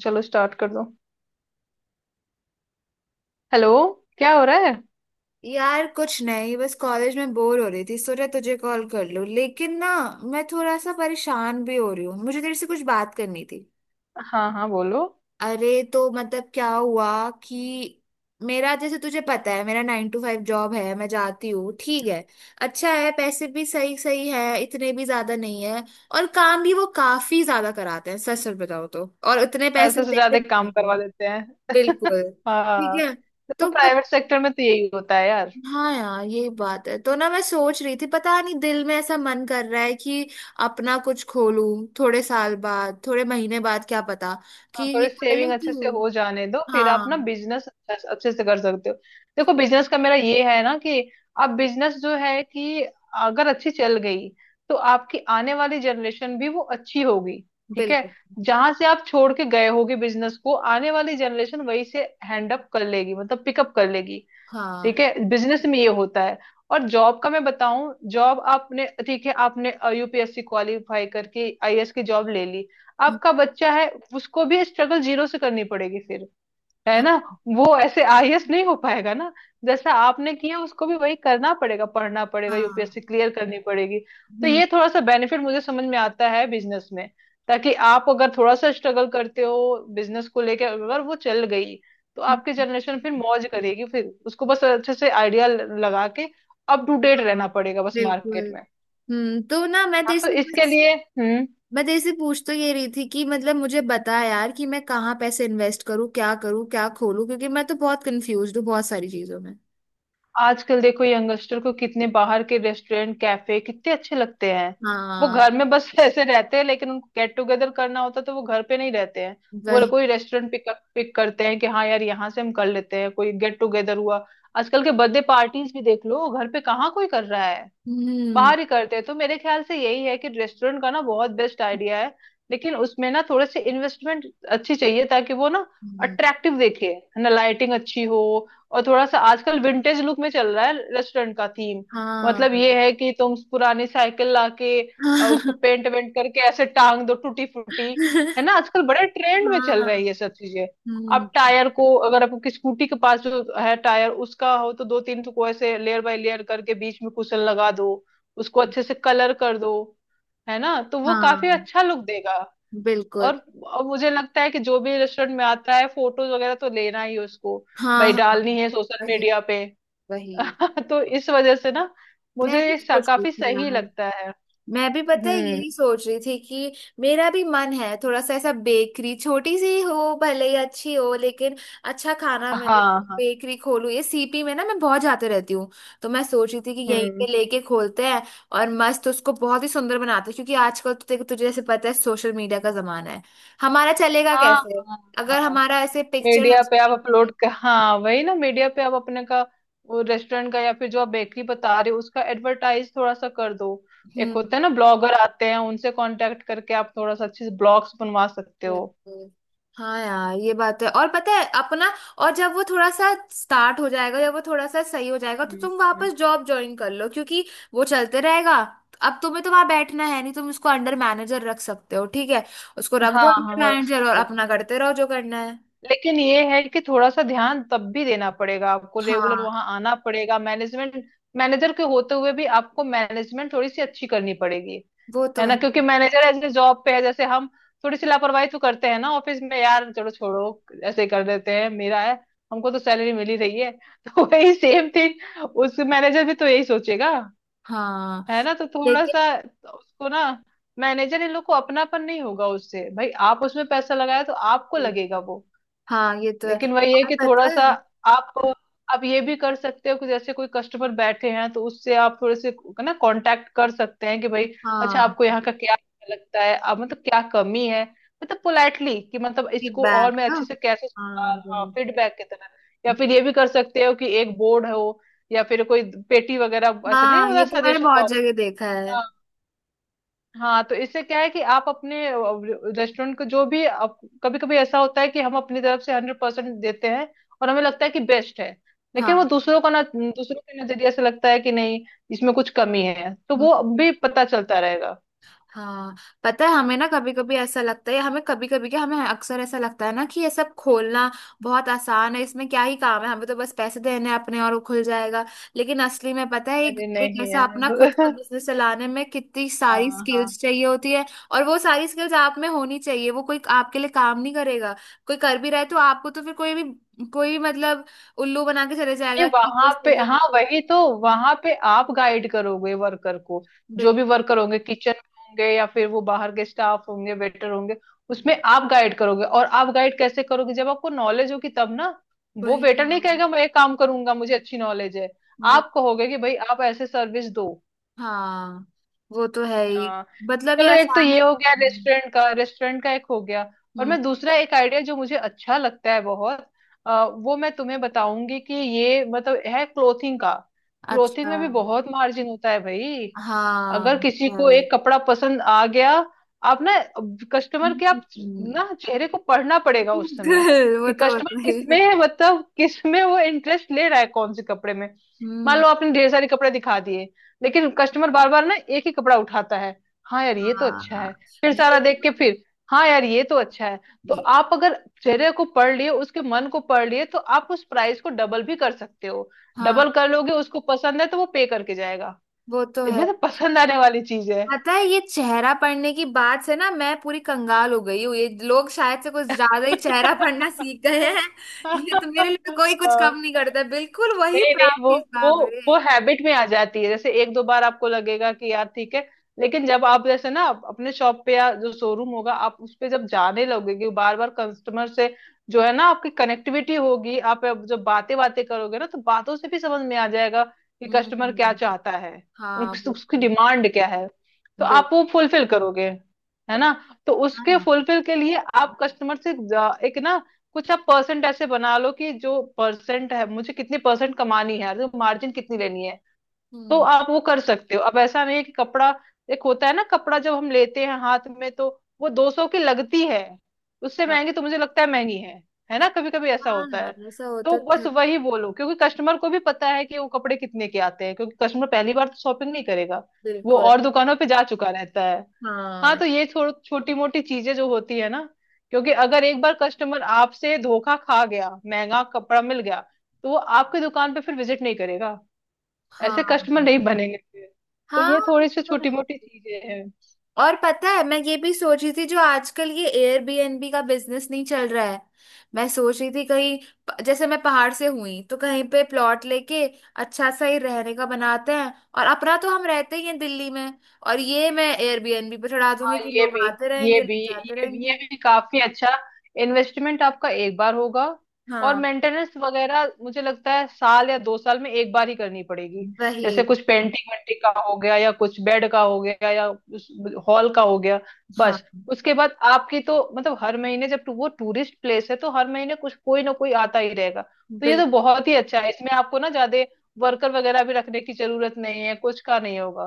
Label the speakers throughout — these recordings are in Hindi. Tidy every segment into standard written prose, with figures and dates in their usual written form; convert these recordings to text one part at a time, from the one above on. Speaker 1: चलो स्टार्ट कर दो। हेलो। क्या हो रहा है।
Speaker 2: यार कुछ नहीं, बस कॉलेज में बोर हो रही थी, सोचा तुझे कॉल कर लूं। लेकिन ना, मैं थोड़ा सा परेशान भी हो रही हूँ, मुझे तेरे से कुछ बात करनी थी।
Speaker 1: हाँ हाँ, बोलो।
Speaker 2: अरे तो मतलब क्या हुआ कि मेरा, जैसे तुझे पता है, मेरा 9 टू 5 जॉब है, मैं जाती हूँ, ठीक है, अच्छा है, पैसे भी सही सही है, इतने भी ज्यादा नहीं है। और काम भी वो काफी ज्यादा कराते हैं, सच सच बताओ तो, और उतने पैसे
Speaker 1: पैसे से
Speaker 2: देते
Speaker 1: ज्यादा
Speaker 2: नहीं है
Speaker 1: काम
Speaker 2: वो।
Speaker 1: करवा देते हैं।
Speaker 2: बिल्कुल ठीक
Speaker 1: हाँ।
Speaker 2: है।
Speaker 1: देखो
Speaker 2: तो
Speaker 1: प्राइवेट सेक्टर में तो यही होता है यार।
Speaker 2: हाँ यार, ये बात है। तो ना, मैं सोच रही थी, पता नहीं दिल में ऐसा मन कर रहा है कि अपना कुछ खोलूं, थोड़े साल बाद, थोड़े महीने बाद, क्या पता कि
Speaker 1: हाँ,
Speaker 2: ये
Speaker 1: थोड़ी
Speaker 2: कर
Speaker 1: सेविंग
Speaker 2: लेती
Speaker 1: अच्छे से
Speaker 2: हूँ।
Speaker 1: हो जाने दो, फिर आप ना
Speaker 2: हाँ।
Speaker 1: बिजनेस अच्छे अच्छे से कर सकते हो। देखो बिजनेस का मेरा ये है ना कि अब बिजनेस जो है कि अगर अच्छी चल गई तो आपकी आने वाली जनरेशन भी वो अच्छी होगी। ठीक है।
Speaker 2: बिल्कुल।
Speaker 1: जहां से आप छोड़ के गए होगे बिजनेस को, आने वाली जनरेशन वहीं से हैंड अप कर लेगी, मतलब पिकअप कर लेगी। ठीक
Speaker 2: हाँ।
Speaker 1: है, बिजनेस में ये होता है। और जॉब का मैं बताऊं, जॉब आपने ठीक है आपने यूपीएससी क्वालिफाई करके आईएएस की जॉब ले ली,
Speaker 2: हम्म,
Speaker 1: आपका बच्चा है, उसको भी स्ट्रगल जीरो से करनी पड़ेगी फिर। है
Speaker 2: हाँ
Speaker 1: ना। वो ऐसे आईएएस नहीं हो पाएगा ना। जैसा आपने किया उसको भी वही करना पड़ेगा, पढ़ना पड़ेगा,
Speaker 2: हाँ।
Speaker 1: यूपीएससी क्लियर करनी पड़ेगी। तो
Speaker 2: हम्म।
Speaker 1: ये थोड़ा सा बेनिफिट मुझे समझ में आता है बिजनेस में, ताकि आप अगर थोड़ा सा स्ट्रगल करते हो बिजनेस को लेकर, अगर वो चल गई तो आपकी
Speaker 2: हम्म,
Speaker 1: जनरेशन फिर मौज करेगी, फिर उसको बस अच्छे से आइडिया लगा के अप टू डेट
Speaker 2: हाँ।
Speaker 1: रहना पड़ेगा बस
Speaker 2: बिल्कुल।
Speaker 1: मार्केट में।
Speaker 2: हम्म, तो ना मैं
Speaker 1: हाँ,
Speaker 2: तेरे
Speaker 1: तो
Speaker 2: से
Speaker 1: इसके
Speaker 2: बस,
Speaker 1: लिए हम्म,
Speaker 2: मैं तेरे से पूछ तो ये रही थी कि मतलब मुझे बता यार कि मैं कहाँ पैसे इन्वेस्ट करूँ, क्या करूँ, क्या खोलूँ, क्योंकि मैं तो बहुत कंफ्यूज हूँ बहुत सारी चीजों में।
Speaker 1: आजकल देखो यंगस्टर को कितने बाहर के रेस्टोरेंट कैफे कितने अच्छे लगते हैं। वो घर
Speaker 2: हाँ।
Speaker 1: में बस ऐसे रहते हैं, लेकिन उनको गेट टुगेदर करना होता है तो वो घर पे नहीं रहते हैं। वो
Speaker 2: वही।
Speaker 1: कोई रेस्टोरेंट पिक पिक करते हैं कि हाँ यार यहाँ से हम कर लेते हैं कोई गेट टुगेदर हुआ। आजकल के बर्थडे पार्टीज भी देख लो, घर पे कहाँ कोई कर रहा है।
Speaker 2: हम्म।
Speaker 1: बाहर ही करते हैं। तो मेरे ख्याल से यही है कि रेस्टोरेंट का ना बहुत बेस्ट आइडिया है। लेकिन उसमें ना थोड़े से इन्वेस्टमेंट अच्छी चाहिए ताकि वो ना
Speaker 2: हम्म,
Speaker 1: अट्रैक्टिव दिखे। है ना, लाइटिंग अच्छी हो। और थोड़ा सा आजकल विंटेज लुक में चल रहा है रेस्टोरेंट का थीम।
Speaker 2: हाँ
Speaker 1: मतलब ये है कि तुम पुरानी साइकिल लाके उसको
Speaker 2: हाँ
Speaker 1: पेंट वेंट करके ऐसे टांग दो टूटी फूटी। है ना, आजकल बड़े ट्रेंड में चल
Speaker 2: हाँ।
Speaker 1: रही है ये सब चीजें।
Speaker 2: हम्म।
Speaker 1: आप टायर को, अगर आपकी स्कूटी के पास जो है टायर उसका हो, तो दो तीन टुकड़े से लेयर बाय लेयर करके बीच में कुशन लगा दो, उसको अच्छे से कलर कर दो। है ना, तो वो काफी
Speaker 2: हाँ।
Speaker 1: अच्छा लुक देगा।
Speaker 2: बिल्कुल।
Speaker 1: और, और मुझे लगता है कि जो भी रेस्टोरेंट में आता है फोटोज वगैरह तो लेना ही, उसको
Speaker 2: हाँ
Speaker 1: भाई
Speaker 2: हाँ हाँ,
Speaker 1: डालनी है सोशल
Speaker 2: वही।
Speaker 1: मीडिया पे।
Speaker 2: वही।
Speaker 1: तो इस वजह से ना
Speaker 2: मैं
Speaker 1: मुझे
Speaker 2: भी
Speaker 1: ये
Speaker 2: सोच रही
Speaker 1: काफी
Speaker 2: थी,
Speaker 1: सही लगता है।
Speaker 2: मैं भी पता है
Speaker 1: हम्म।
Speaker 2: यही सोच रही थी कि मेरा भी मन है थोड़ा सा ऐसा, बेकरी छोटी सी हो भले ही, अच्छी हो, लेकिन अच्छा खाना मिले।
Speaker 1: हाँ हाँ।
Speaker 2: बेकरी खोलूं। ये सीपी में ना मैं बहुत जाते रहती हूँ, तो मैं सोच रही थी कि यहीं
Speaker 1: हम्म।
Speaker 2: पे लेके खोलते हैं और मस्त उसको बहुत ही सुंदर बनाते हैं, क्योंकि आजकल तो देखो, तुझे जैसे पता है सोशल मीडिया का जमाना है। हमारा चलेगा
Speaker 1: हाँ
Speaker 2: कैसे
Speaker 1: हाँ
Speaker 2: अगर
Speaker 1: हाँ,
Speaker 2: हमारा ऐसे पिक्चर।
Speaker 1: मीडिया पे आप अपलोड कर, हाँ वही ना, मीडिया पे आप अपने का वो रेस्टोरेंट का या फिर जो आप बेकरी बता रहे हो उसका एडवर्टाइज थोड़ा सा कर दो। एक
Speaker 2: हम्म।
Speaker 1: होता है ना ब्लॉगर आते हैं, उनसे कांटेक्ट करके आप थोड़ा सा अच्छे से ब्लॉग्स बनवा सकते हो।
Speaker 2: बिल्कुल। हाँ यार, ये बात तो है। और पता है अपना, और जब वो थोड़ा सा स्टार्ट हो जाएगा या वो थोड़ा सा सही हो जाएगा, तो
Speaker 1: हम्म।
Speaker 2: तुम
Speaker 1: हम्म।
Speaker 2: वापस जॉब ज्वाइन कर लो, क्योंकि वो चलते रहेगा। अब तुम्हें तो वहां बैठना है नहीं, तुम उसको अंडर मैनेजर रख सकते हो, ठीक है। उसको रख
Speaker 1: हाँ
Speaker 2: दो
Speaker 1: हाँ,
Speaker 2: अंडर
Speaker 1: रख
Speaker 2: मैनेजर और
Speaker 1: सकते हो।
Speaker 2: अपना करते रहो जो करना है।
Speaker 1: लेकिन ये है कि थोड़ा सा ध्यान तब भी देना पड़ेगा, आपको रेगुलर
Speaker 2: हाँ।
Speaker 1: वहां आना पड़ेगा मैनेजमेंट, मैनेजर के होते हुए भी आपको मैनेजमेंट थोड़ी सी अच्छी करनी पड़ेगी।
Speaker 2: वो
Speaker 1: है
Speaker 2: तो
Speaker 1: ना,
Speaker 2: है।
Speaker 1: क्योंकि मैनेजर ऐसे जॉब पे है जैसे हम थोड़ी सी लापरवाही तो करते हैं ना ऑफिस में, यार चलो छोड़ो ऐसे ही कर देते हैं, मेरा है, हमको तो सैलरी मिल ही रही है। तो वही सेम थिंग उस मैनेजर भी तो यही सोचेगा।
Speaker 2: हाँ।
Speaker 1: है ना, तो थोड़ा
Speaker 2: लेकिन।
Speaker 1: सा उसको ना, मैनेजर इन लोग को अपनापन नहीं होगा उससे, भाई आप उसमें पैसा लगाया तो आपको लगेगा वो।
Speaker 2: हाँ ये तो है।
Speaker 1: लेकिन वही है
Speaker 2: और
Speaker 1: कि थोड़ा
Speaker 2: पता
Speaker 1: सा
Speaker 2: है,
Speaker 1: आप आप ये भी कर सकते हो कि जैसे कोई कस्टमर बैठे हैं तो उससे आप थोड़े से ना कांटेक्ट कर सकते हैं कि भाई अच्छा
Speaker 2: हाँ,
Speaker 1: आपको यहाँ का क्या अच्छा लगता है, आप मतलब क्या कमी है, मतलब पोलाइटली कि मतलब इसको और
Speaker 2: फीडबैक
Speaker 1: मैं
Speaker 2: ना।
Speaker 1: अच्छे से कैसे
Speaker 2: हाँ,
Speaker 1: सुधार, हाँ
Speaker 2: वो।
Speaker 1: फीडबैक की तरह। या फिर ये भी कर सकते हो कि एक बोर्ड हो या फिर कोई पेटी वगैरह, ऐसे नहीं
Speaker 2: हाँ ये
Speaker 1: होता
Speaker 2: तो मैंने
Speaker 1: सजेशन
Speaker 2: बहुत
Speaker 1: बॉक्स।
Speaker 2: जगह देखा है।
Speaker 1: हाँ, तो इससे क्या है कि आप अपने रेस्टोरेंट को, जो भी आप, कभी कभी ऐसा होता है कि हम अपनी तरफ से 100% देते हैं और हमें लगता है कि बेस्ट है, लेकिन वो
Speaker 2: हाँ।
Speaker 1: दूसरों का ना, दूसरों के नजरिए से लगता है कि नहीं इसमें कुछ कमी है, तो
Speaker 2: हम्म,
Speaker 1: वो भी पता चलता रहेगा।
Speaker 2: हाँ। पता है हमें ना कभी कभी ऐसा लगता है, हमें कभी कभी क्या, हमें अक्सर ऐसा लगता है ना कि ये सब खोलना बहुत आसान है, इसमें क्या ही काम है, हमें तो बस पैसे देने हैं अपने और वो खुल जाएगा। लेकिन असली में पता है, एक
Speaker 1: अरे
Speaker 2: एक
Speaker 1: नहीं
Speaker 2: ऐसा अपना खुद का
Speaker 1: यार।
Speaker 2: बिजनेस चलाने में कितनी सारी
Speaker 1: हाँ हाँ,
Speaker 2: स्किल्स चाहिए होती है, और वो सारी स्किल्स आप में होनी चाहिए। वो कोई आपके लिए काम नहीं करेगा। कोई कर भी रहा है तो आपको तो फिर, कोई भी, कोई भी उल्लू बना के चले
Speaker 1: नहीं
Speaker 2: जाएगा कि ये
Speaker 1: वहां पे,
Speaker 2: सही है वो
Speaker 1: हाँ
Speaker 2: सही है।
Speaker 1: वही तो, वहां पे आप गाइड करोगे वर्कर को। जो
Speaker 2: बिल्कुल।
Speaker 1: भी वर्कर होंगे किचन में होंगे या फिर वो बाहर के स्टाफ होंगे वेटर होंगे, उसमें आप गाइड करोगे। और आप गाइड कैसे करोगे, जब आपको नॉलेज होगी तब ना। वो
Speaker 2: वही।
Speaker 1: वेटर नहीं कहेगा मैं ये काम करूंगा, मुझे अच्छी नॉलेज है।
Speaker 2: यार,
Speaker 1: आप कहोगे कि भाई आप ऐसे सर्विस दो।
Speaker 2: हाँ वो तो है ही।
Speaker 1: आ,
Speaker 2: मतलब ये
Speaker 1: चलो, एक तो
Speaker 2: आसान।
Speaker 1: ये हो गया रेस्टोरेंट का एक हो गया। और
Speaker 2: हम्म।
Speaker 1: मैं दूसरा एक आइडिया जो मुझे अच्छा लगता है बहुत, वो मैं तुम्हें बताऊंगी कि ये मतलब है क्लोथिंग का। क्लोथिंग
Speaker 2: अच्छा।
Speaker 1: में भी बहुत मार्जिन होता है भाई।
Speaker 2: हाँ।
Speaker 1: अगर किसी को
Speaker 2: हाँ।
Speaker 1: एक कपड़ा पसंद आ गया, आप ना, कस्टमर के आप
Speaker 2: हम्म,
Speaker 1: ना चेहरे को पढ़ना पड़ेगा उस समय,
Speaker 2: वो
Speaker 1: कि
Speaker 2: तो
Speaker 1: कस्टमर
Speaker 2: होता ही
Speaker 1: किस
Speaker 2: है।
Speaker 1: में है, मतलब किस में वो इंटरेस्ट ले रहा है, कौन से कपड़े में। मान
Speaker 2: हम्म।
Speaker 1: लो आपने ढेर सारे कपड़े दिखा दिए, लेकिन कस्टमर बार बार ना एक ही कपड़ा उठाता है, हाँ यार ये तो अच्छा
Speaker 2: हाँ।
Speaker 1: है, फिर
Speaker 2: ये,
Speaker 1: सारा देख के फिर हाँ यार ये तो अच्छा है। तो
Speaker 2: ये-,
Speaker 1: आप अगर चेहरे को पढ़ लिए, उसके मन को पढ़ लिए, तो आप उस प्राइस को डबल भी कर सकते हो।
Speaker 2: हाँ
Speaker 1: डबल कर लोगे, उसको पसंद है तो वो पे करके जाएगा।
Speaker 2: वो तो
Speaker 1: ये
Speaker 2: है।
Speaker 1: भी तो पसंद आने वाली चीज है।
Speaker 2: पता है, ये चेहरा पढ़ने की बात से ना, मैं पूरी कंगाल हो गई हूँ। ये लोग शायद से कुछ ज्यादा ही चेहरा पढ़ना सीख गए हैं। ये तो, मेरे लिए तो कोई कुछ कम नहीं करता, बिल्कुल वही
Speaker 1: नहीं नहीं,
Speaker 2: प्राप्ति
Speaker 1: वो
Speaker 2: हिसाब रे।
Speaker 1: वो हैबिट में आ जाती है। जैसे एक दो बार आपको लगेगा कि यार ठीक है, लेकिन जब आप जैसे ना आप अपने शॉप पे या जो शोरूम होगा आप उस पे जब जाने लगोगे बार बार, कस्टमर से जो है ना आपकी कनेक्टिविटी होगी, आप अब जब बातें बातें करोगे ना, तो बातों से भी समझ में आ जाएगा कि कस्टमर क्या
Speaker 2: हम्म।
Speaker 1: चाहता है,
Speaker 2: हाँ वो
Speaker 1: उसकी
Speaker 2: तो
Speaker 1: डिमांड क्या है, तो
Speaker 2: है।
Speaker 1: आप वो फुलफिल करोगे। है ना, तो उसके
Speaker 2: हाँ।
Speaker 1: फुलफिल के लिए आप कस्टमर से एक ना कुछ आप परसेंट ऐसे बना लो, कि जो परसेंट है मुझे कितनी परसेंट कमानी है तो मार्जिन कितनी लेनी है, तो
Speaker 2: हम्म।
Speaker 1: आप वो कर सकते हो। अब ऐसा नहीं है कि कपड़ा, एक होता है ना कपड़ा जब हम लेते हैं हाथ में, तो वो 200 की लगती है, उससे
Speaker 2: हाँ
Speaker 1: महंगी तो मुझे लगता है महंगी है। है ना, कभी कभी ऐसा होता
Speaker 2: हाँ,
Speaker 1: है।
Speaker 2: ऐसा
Speaker 1: तो
Speaker 2: होता तो है।
Speaker 1: बस वही बोलो, क्योंकि कस्टमर को भी पता है कि वो कपड़े कितने के आते हैं, क्योंकि कस्टमर पहली बार तो शॉपिंग नहीं करेगा, वो
Speaker 2: बिल्कुल।
Speaker 1: और दुकानों पे जा चुका रहता है। हाँ,
Speaker 2: हाँ।
Speaker 1: तो ये छोड़ छोटी मोटी चीजें जो होती है ना, क्योंकि अगर एक बार कस्टमर आपसे धोखा खा गया, महंगा कपड़ा मिल गया, तो वो आपकी दुकान पे फिर विजिट नहीं करेगा, ऐसे
Speaker 2: हाँ
Speaker 1: कस्टमर नहीं बनेंगे फिर। तो
Speaker 2: हाँ
Speaker 1: ये
Speaker 2: ये
Speaker 1: थोड़ी सी
Speaker 2: तो
Speaker 1: छोटी
Speaker 2: है।
Speaker 1: मोटी चीजें हैं।
Speaker 2: और पता है, मैं ये भी सोच रही थी, जो आजकल ये एयरबीएनबी का बिजनेस नहीं चल रहा है, मैं सोच रही थी कहीं, प-, जैसे मैं पहाड़ से हुई तो कहीं पे प्लॉट लेके अच्छा सा ही रहने का बनाते हैं, और अपना तो हम रहते ही हैं दिल्ली में, और ये मैं एयरबीएनबी पे चढ़ा
Speaker 1: हाँ
Speaker 2: दूंगी कि
Speaker 1: ये
Speaker 2: लोग
Speaker 1: भी,
Speaker 2: आते
Speaker 1: ये
Speaker 2: रहेंगे
Speaker 1: भी
Speaker 2: लोग जाते
Speaker 1: ये भी ये
Speaker 2: रहेंगे।
Speaker 1: भी काफी अच्छा। इन्वेस्टमेंट आपका एक बार होगा, और
Speaker 2: हाँ
Speaker 1: मेंटेनेंस वगैरह मुझे लगता है साल या दो साल में एक बार ही करनी पड़ेगी,
Speaker 2: वही।
Speaker 1: जैसे कुछ पेंटिंग वेंटिंग का हो गया या कुछ बेड का हो गया या उस हॉल का हो गया,
Speaker 2: हाँ।
Speaker 1: बस। उसके बाद आपकी तो मतलब हर महीने, जब वो टूरिस्ट प्लेस है तो हर महीने कुछ कोई ना कोई आता ही रहेगा, तो ये तो
Speaker 2: बिल्कुल।
Speaker 1: बहुत ही अच्छा है, इसमें आपको ना ज्यादा वर्कर वगैरह भी रखने की जरूरत नहीं है, कुछ का नहीं होगा।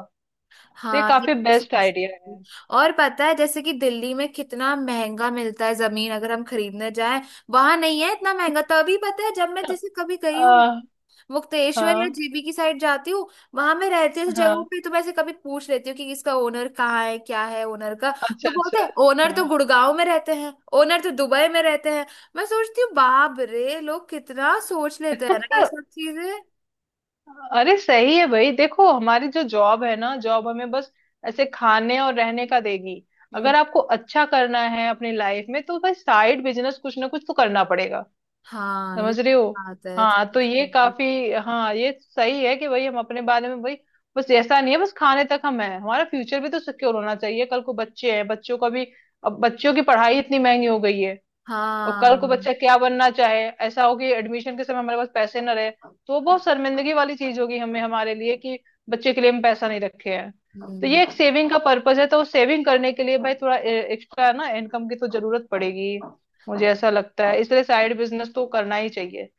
Speaker 1: तो ये
Speaker 2: हाँ ये
Speaker 1: काफी
Speaker 2: भी
Speaker 1: बेस्ट
Speaker 2: सोच
Speaker 1: आइडिया
Speaker 2: रही
Speaker 1: है।
Speaker 2: हूँ। और पता है जैसे कि दिल्ली में कितना महंगा मिलता है जमीन, अगर हम खरीदने जाएं। वहां नहीं है इतना महंगा, तभी पता है जब मैं जैसे कभी गई हूँ,
Speaker 1: आ,
Speaker 2: मुक्तेश्वर या
Speaker 1: हाँ
Speaker 2: जेबी की साइड जाती हूँ, वहां मैं रहती हूँ ऐसी जगहों
Speaker 1: हाँ,
Speaker 2: पे, तो मैं ऐसे कभी पूछ लेती हूँ कि इसका ओनर कहाँ है, क्या है ओनर का।
Speaker 1: अच्छा
Speaker 2: वो
Speaker 1: अच्छा।
Speaker 2: बोलते हैं ओनर तो गुड़गांव में रहते हैं, ओनर तो दुबई में रहते हैं। मैं सोचती हूँ, बाप रे, लोग कितना सोच लेते हैं ना ये
Speaker 1: हाँ।
Speaker 2: सब चीजें।
Speaker 1: अरे सही है भाई। देखो हमारी जो जॉब है ना, जॉब हमें बस ऐसे खाने और रहने का देगी।
Speaker 2: हम्म,
Speaker 1: अगर आपको अच्छा करना है अपनी लाइफ में तो भाई साइड बिजनेस कुछ ना कुछ तो करना पड़ेगा।
Speaker 2: हाँ ये
Speaker 1: समझ रहे हो।
Speaker 2: बात है।
Speaker 1: हाँ तो ये
Speaker 2: तो
Speaker 1: काफी, हाँ ये सही है कि भाई हम अपने बारे में भाई बस ऐसा नहीं है बस खाने तक हम है, हमारा फ्यूचर भी तो सिक्योर होना चाहिए, कल को बच्चे हैं बच्चों का भी। अब बच्चों की पढ़ाई इतनी महंगी हो गई है, और कल
Speaker 2: हाँ।
Speaker 1: को बच्चा क्या बनना चाहे, ऐसा हो कि एडमिशन के समय हमारे पास पैसे ना रहे तो वो बहुत शर्मिंदगी वाली चीज होगी हमें, हमारे लिए कि बच्चे के लिए हम पैसा नहीं रखे हैं। तो ये
Speaker 2: हम्म।
Speaker 1: एक सेविंग का पर्पज है, तो सेविंग करने के लिए भाई थोड़ा एक्स्ट्रा ना इनकम की तो जरूरत पड़ेगी, मुझे ऐसा लगता है, इसलिए साइड बिजनेस तो करना ही चाहिए।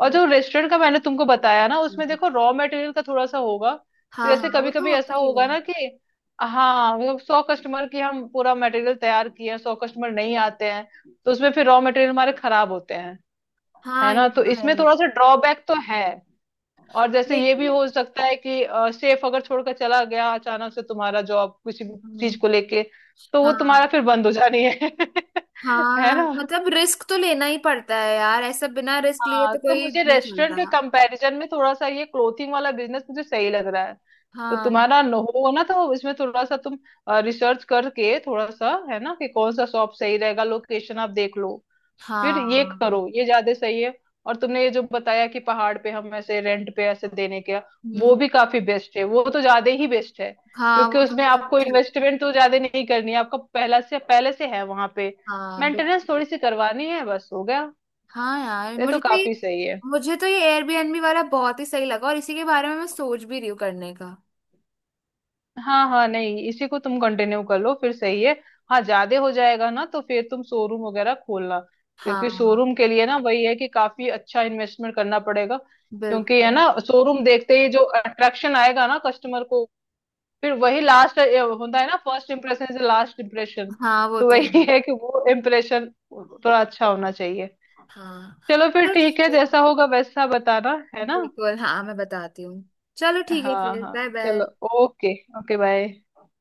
Speaker 1: और जो रेस्टोरेंट का मैंने तुमको बताया ना, उसमें
Speaker 2: हम्म,
Speaker 1: देखो रॉ मटेरियल का थोड़ा सा होगा,
Speaker 2: हाँ
Speaker 1: जैसे
Speaker 2: हाँ, वो
Speaker 1: कभी
Speaker 2: तो
Speaker 1: कभी ऐसा
Speaker 2: होता ही है।
Speaker 1: होगा ना कि हाँ मतलब 100 कस्टमर की हम पूरा मटेरियल तैयार किए हैं, 100 कस्टमर नहीं आते हैं, तो उसमें फिर रॉ मटेरियल हमारे खराब होते हैं। है
Speaker 2: हाँ
Speaker 1: ना,
Speaker 2: ये
Speaker 1: तो
Speaker 2: तो है
Speaker 1: इसमें
Speaker 2: ही।
Speaker 1: थोड़ा सा ड्रॉबैक तो है। और जैसे ये भी
Speaker 2: लेकिन।
Speaker 1: हो सकता है कि सेफ अगर छोड़कर चला गया अचानक से, तुम्हारा जॉब किसी भी
Speaker 2: हम्म,
Speaker 1: चीज को लेके, तो वो तुम्हारा
Speaker 2: हाँ।
Speaker 1: फिर बंद हो जानी है। है
Speaker 2: हाँ,
Speaker 1: ना।
Speaker 2: मतलब रिस्क तो लेना ही पड़ता है यार, ऐसा बिना रिस्क लिए
Speaker 1: हाँ
Speaker 2: तो
Speaker 1: तो
Speaker 2: कोई
Speaker 1: मुझे
Speaker 2: नहीं चलता।
Speaker 1: रेस्टोरेंट के कंपैरिजन में थोड़ा सा ये क्लोथिंग वाला बिजनेस मुझे सही लग रहा है। तो
Speaker 2: हाँ।
Speaker 1: तुम्हारा न हो ना, तो इसमें थोड़ा सा तुम रिसर्च करके, थोड़ा सा है ना कि कौन सा शॉप सही रहेगा, लोकेशन आप देख लो, फिर ये
Speaker 2: हाँ।
Speaker 1: करो, ये ज्यादा सही है। और तुमने ये जो बताया कि पहाड़ पे हम ऐसे रेंट पे ऐसे देने के, वो
Speaker 2: हम्म,
Speaker 1: भी काफी बेस्ट है, वो तो ज्यादा ही बेस्ट है।
Speaker 2: हाँ वो
Speaker 1: क्योंकि
Speaker 2: तो
Speaker 1: उसमें
Speaker 2: मतलब
Speaker 1: आपको
Speaker 2: चलता।
Speaker 1: इन्वेस्टमेंट तो ज्यादा नहीं करनी है, आपका पहला से, पहले से है वहां पे।
Speaker 2: हाँ
Speaker 1: मेंटेनेंस
Speaker 2: बिल्कुल।
Speaker 1: थोड़ी सी करवानी है, बस हो गया।
Speaker 2: हाँ यार,
Speaker 1: ये तो
Speaker 2: मुझे तो ये
Speaker 1: काफी सही है।
Speaker 2: मुझे तो ये एयरबीएनबी वाला बहुत ही सही लगा, और इसी के बारे में मैं सोच भी रही हूँ करने का।
Speaker 1: हाँ हाँ, नहीं इसी को तुम कंटिन्यू कर लो, फिर सही है। हाँ ज्यादा हो जाएगा ना, तो फिर तुम शोरूम वगैरह खोलना। क्योंकि
Speaker 2: हाँ।
Speaker 1: शोरूम के लिए ना वही है कि काफी अच्छा इन्वेस्टमेंट करना पड़ेगा, क्योंकि है
Speaker 2: बिल्कुल।
Speaker 1: ना शोरूम देखते ही जो अट्रैक्शन आएगा ना कस्टमर को, फिर वही लास्ट होता है ना, first impression is last impression.
Speaker 2: हाँ वो
Speaker 1: तो
Speaker 2: तो है।
Speaker 1: वही है कि वो इम्प्रेशन थोड़ा अच्छा होना चाहिए।
Speaker 2: हाँ।
Speaker 1: चलो फिर
Speaker 2: चलो
Speaker 1: ठीक
Speaker 2: ठीक
Speaker 1: है,
Speaker 2: है।
Speaker 1: जैसा होगा वैसा बताना, है ना।
Speaker 2: बिल्कुल, हाँ मैं बताती हूँ। चलो ठीक है
Speaker 1: हाँ
Speaker 2: फिर,
Speaker 1: हाँ,
Speaker 2: बाय
Speaker 1: चलो।
Speaker 2: बाय।
Speaker 1: ओके। Okay bye.